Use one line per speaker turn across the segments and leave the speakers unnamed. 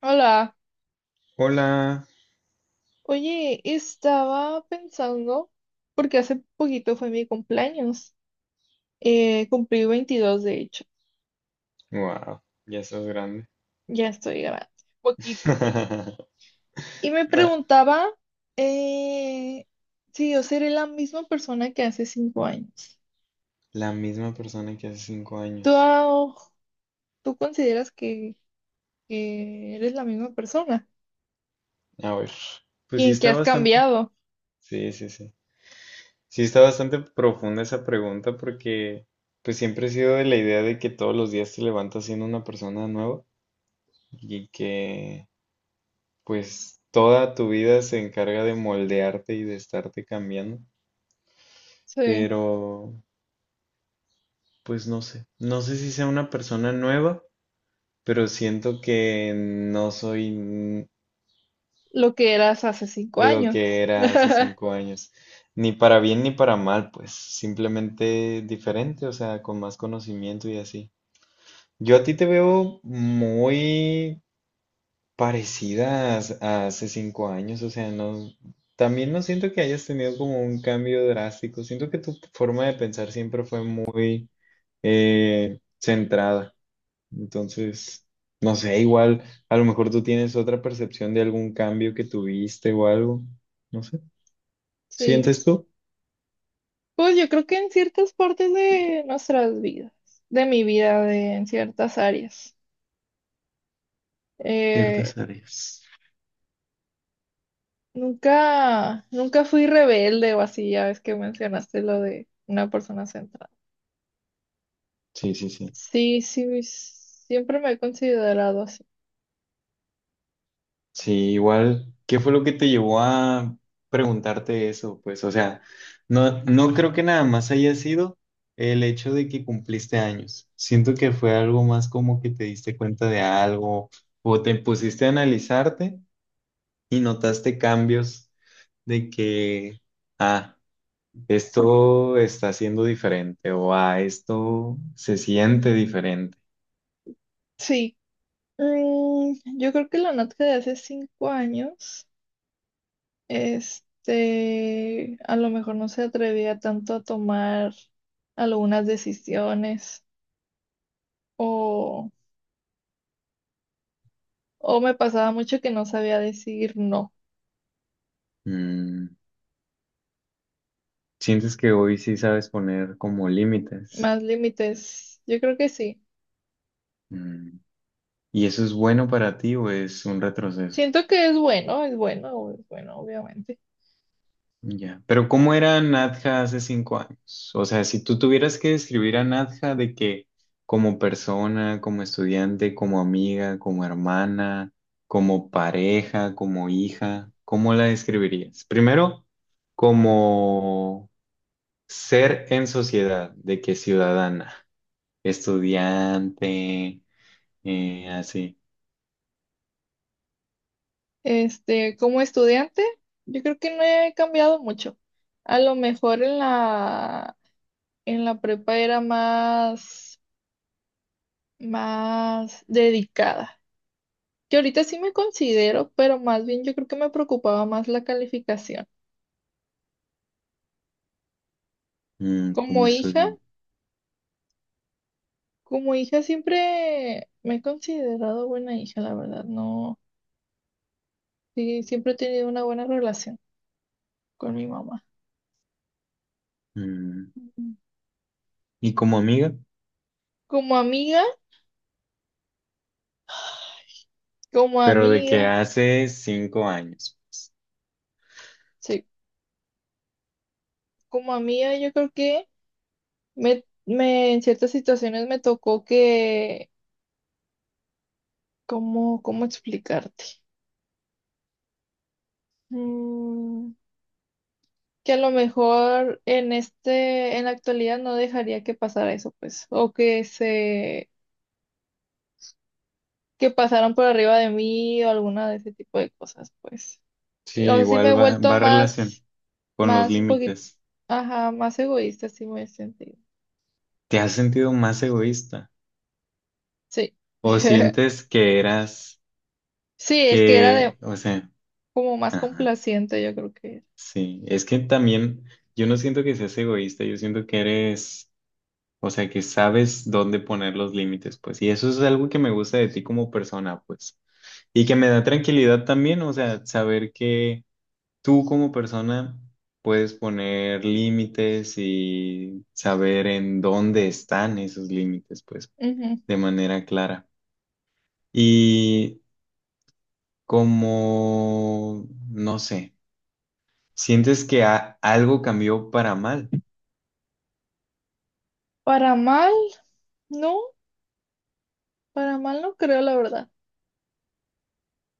Hola,
Hola.
oye, estaba pensando, porque hace poquito fue mi cumpleaños, cumplí 22 de hecho,
Wow, ya estás grande.
ya estoy grande, poquito. Y me
Nah,
preguntaba eh, si yo seré la misma persona que hace 5 años.
la misma persona que hace cinco
¿Tú,
años.
ah, tú consideras que eres la misma persona?
A ver, pues
¿Y
sí
en qué
está
has
bastante.
cambiado?
Sí, sí, sí. Sí está bastante profunda esa pregunta porque pues siempre he sido de la idea de que todos los días te levantas siendo una persona nueva y que pues toda tu vida se encarga de moldearte y de estarte cambiando.
Sí,
Pero pues no sé. No sé si sea una persona nueva, pero siento que no soy
lo que eras hace 5
lo
años.
que era hace 5 años, ni para bien ni para mal, pues simplemente diferente, o sea, con más conocimiento y así. Yo a ti te veo muy parecida a hace 5 años, o sea, no, también no siento que hayas tenido como un cambio drástico, siento que tu forma de pensar siempre fue muy centrada. Entonces, no sé, igual, a lo mejor tú tienes otra percepción de algún cambio que tuviste o algo, no sé.
Sí.
¿Sientes tú?
Pues yo creo que en ciertas partes de nuestras vidas, de mi vida, en ciertas áreas. Eh,
Ciertas áreas.
nunca, nunca fui rebelde o así, ya ves que mencionaste lo de una persona centrada.
Sí, sí, sí.
Sí, sí, siempre me he considerado así.
Sí, igual, ¿qué fue lo que te llevó a preguntarte eso? Pues, o sea, no, no creo que nada más haya sido el hecho de que cumpliste años. Siento que fue algo más como que te diste cuenta de algo o te pusiste a analizarte y notaste cambios de que, ah. Esto está siendo diferente o a esto se siente diferente.
Sí, yo creo que la Natca de hace 5 años, este, a lo mejor no se atrevía tanto a tomar algunas decisiones. o... O me pasaba mucho que no sabía decir no.
Mm, Sientes que hoy sí sabes poner como límites.
Más límites, yo creo que sí.
Mm, y eso es bueno para ti o es un retroceso.
Siento que es bueno, es bueno, es bueno, obviamente.
Ya. Pero ¿cómo era Nadja hace 5 años? O sea, si tú tuvieras que describir a Nadja de que como persona, como estudiante, como amiga, como hermana, como pareja, como hija, ¿cómo la describirías? Primero como ser en sociedad, de que ciudadana, estudiante, así,
Este, como estudiante, yo creo que no he cambiado mucho. A lo mejor en la prepa era más dedicada. Que ahorita sí me considero, pero más bien yo creo que me preocupaba más la calificación.
como
Como hija,
estudiante,
Como hija siempre me he considerado buena hija, la verdad, no. Sí, siempre he tenido una buena relación con mi mamá.
mm,
Ujú.
y como amiga,
Como amiga, como
pero de que
amiga,
hace 5 años, pues.
sí, como amiga yo creo que me en ciertas situaciones me tocó que, ¿cómo explicarte? Mm, que a lo mejor en la actualidad no dejaría que pasara eso, pues, que pasaran por arriba de mí o alguna de ese tipo de cosas, pues.
Sí,
Sí, o sea, sí me he
igual va,
vuelto
va relación
más,
con los
un poquito,
límites.
ajá, más egoísta, sí me he sentido.
¿Te has sentido más egoísta?
Sí.
¿O sientes que eras,
Sí, es que era de
que, o sea,
como más
ajá,
complaciente, yo creo que
sí, es que también yo no siento que seas egoísta, yo siento que eres. O sea, que sabes dónde poner los límites, pues. Y eso es algo que me gusta de ti como persona, pues. Y que me da tranquilidad también, o sea, saber que tú como persona puedes poner límites y saber en dónde están esos límites, pues,
era. Ujú.
de manera clara. Y como, no sé, sientes que algo cambió para mal,
Para mal, no, para mal no creo, la verdad.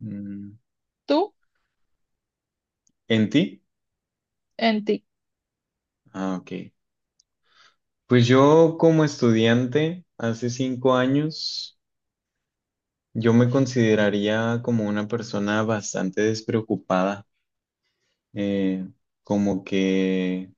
mm,
Tú
en ti.
en ti.
Ah, ok. Pues yo como estudiante hace 5 años, yo me consideraría como una persona bastante despreocupada, eh, como que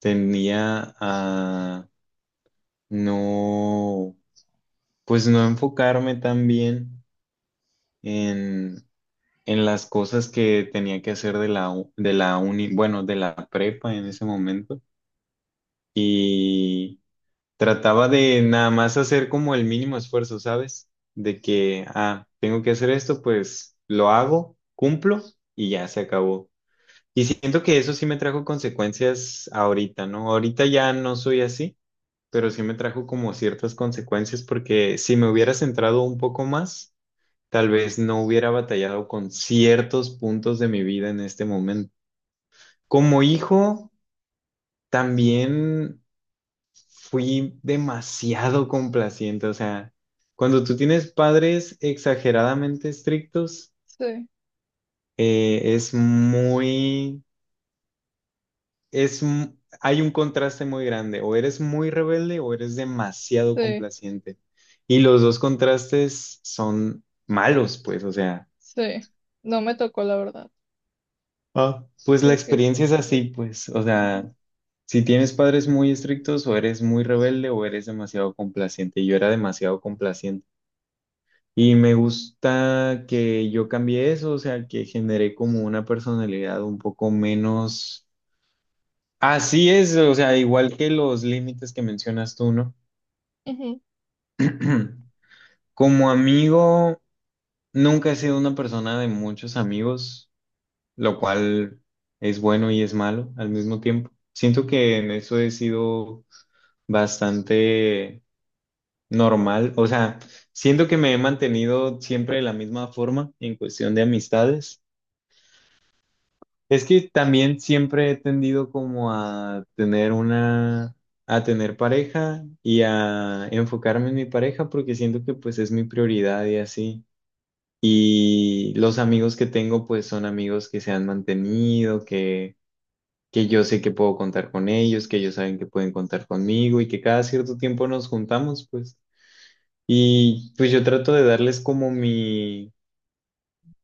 tendía a no, pues no enfocarme tan bien en, en las cosas que tenía que hacer de la uni, bueno, de la prepa en ese momento. Trataba de nada más hacer como el mínimo esfuerzo, ¿sabes? De que, tengo que hacer esto, pues lo hago, cumplo y ya se acabó. Y siento que eso sí me trajo consecuencias ahorita, ¿no? Ahorita ya no soy así, pero sí me trajo como ciertas consecuencias porque si me hubiera centrado un poco más, tal vez no hubiera batallado con ciertos puntos de mi vida en este momento. Como hijo, también, fui demasiado complaciente, o sea, cuando tú tienes padres exageradamente estrictos,
Sí,
es muy, es, m- hay un contraste muy grande, o eres muy rebelde o eres demasiado
sí,
complaciente. Y los dos contrastes son malos, pues, o sea,
sí. No me tocó, la verdad.
pues la
Creo que sí.
experiencia es así, pues, o
Ujú,
sea, si tienes padres muy estrictos, o eres muy rebelde o eres demasiado complaciente. Y yo era demasiado complaciente. Y me gusta que yo cambié eso, o sea, que generé como una personalidad un poco menos. Así es, o sea, igual que los límites que mencionas tú, ¿no?
ujú.
Como amigo, nunca he sido una persona de muchos amigos, lo cual es bueno y es malo al mismo tiempo. Siento que en eso he sido bastante normal, o sea, siento que me he mantenido siempre de la misma forma en cuestión de amistades. Es que también siempre he tendido como a tener una, a tener pareja y a enfocarme en mi pareja porque siento que pues es mi prioridad y así. Y los amigos que tengo pues son amigos que se han mantenido, que yo sé que puedo contar con ellos, que ellos saben que pueden contar conmigo y que cada cierto tiempo nos juntamos pues. Y pues yo trato de darles como mi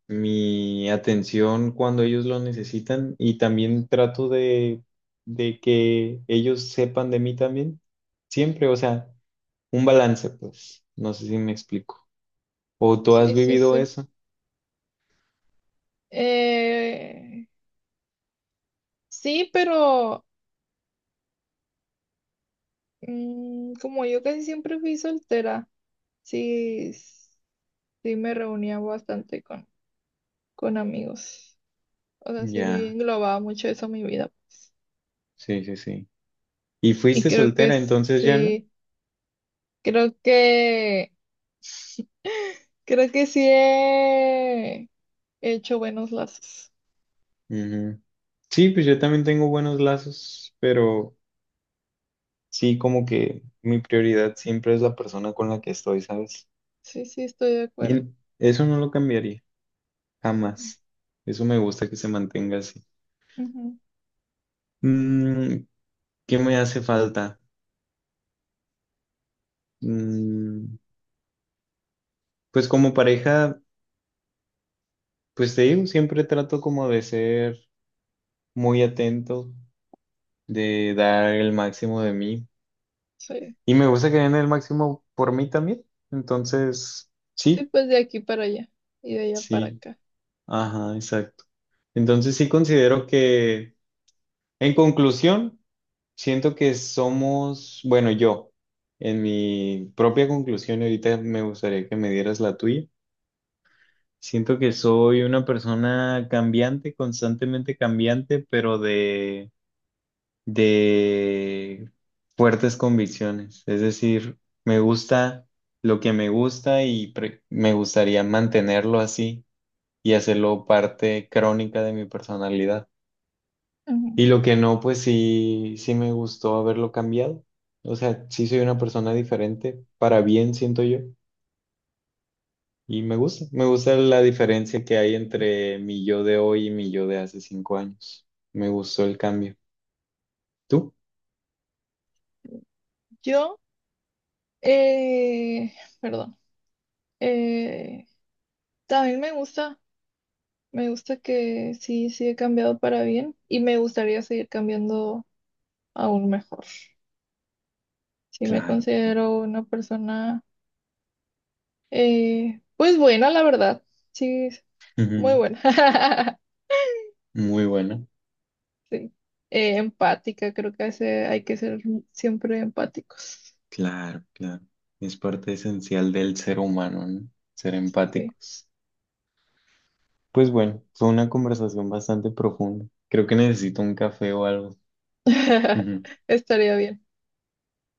mi atención cuando ellos lo necesitan y también trato de que ellos sepan de mí también, siempre, o sea, un balance, pues, no sé si me explico. ¿O tú has
Sí, sí,
vivido
sí.
eso?
Eh, sí, pero como yo casi siempre fui soltera, sí. Sí me reunía bastante con, amigos. O sea, sí
Ya,
englobaba mucho eso en mi vida, pues.
sí, sí, sí. ¿Y
Y
fuiste
creo que
soltera entonces ya, no?
sí, creo que, creo que sí he hecho buenos lazos.
Ujú. Sí, pues yo también tengo buenos lazos, pero sí, como que mi prioridad siempre es la persona con la que estoy, ¿sabes?
Sí, sí, estoy de acuerdo.
Y eso no lo cambiaría. Jamás. Eso me gusta que se mantenga así.
Ujú,
Mm, ¿Qué me hace falta? Mm, pues como pareja, pues te digo, siempre trato como de ser muy atento, de dar el máximo de mí.
sí.
Y me gusta que den el máximo por mí también. Entonces,
Sí,
sí,
pues de aquí para allá y de allá para
sí,
acá.
ajá, exacto. Entonces sí considero que, en conclusión, siento que somos, bueno, yo, en mi propia conclusión, y ahorita me gustaría que me dieras la tuya. Siento que soy una persona cambiante, constantemente cambiante, pero de fuertes convicciones. Es decir, me gusta lo que me gusta y me gustaría mantenerlo así y hacerlo parte crónica de mi personalidad.
Ujú.
Y lo que no, pues sí, sí me gustó haberlo cambiado. O sea, sí soy una persona diferente, para bien siento yo. Y me gusta la diferencia que hay entre mi yo de hoy y mi yo de hace 5 años. Me gustó el cambio. ¿Tú?
Yo, eh, perdón, eh, también me gusta, que sí, he cambiado para bien y me gustaría seguir cambiando aún mejor. Sí me
Claro, claro.
considero una persona, pues buena, la verdad. Sí, muy
Ujú.
buena.
Muy bueno.
Sí. Empática, creo que hay que ser siempre empáticos.
Claro, claro. Es parte esencial del ser humano, ¿no? Ser
Sí.
empáticos. Pues bueno, fue una conversación bastante profunda. Creo que necesito un café o algo.
Estaría bien.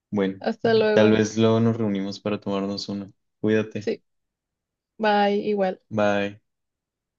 Bueno,
Hasta
tal
luego.
vez luego nos reunimos para tomarnos una. Cuídate.
Sí, bye, igual.
Bye.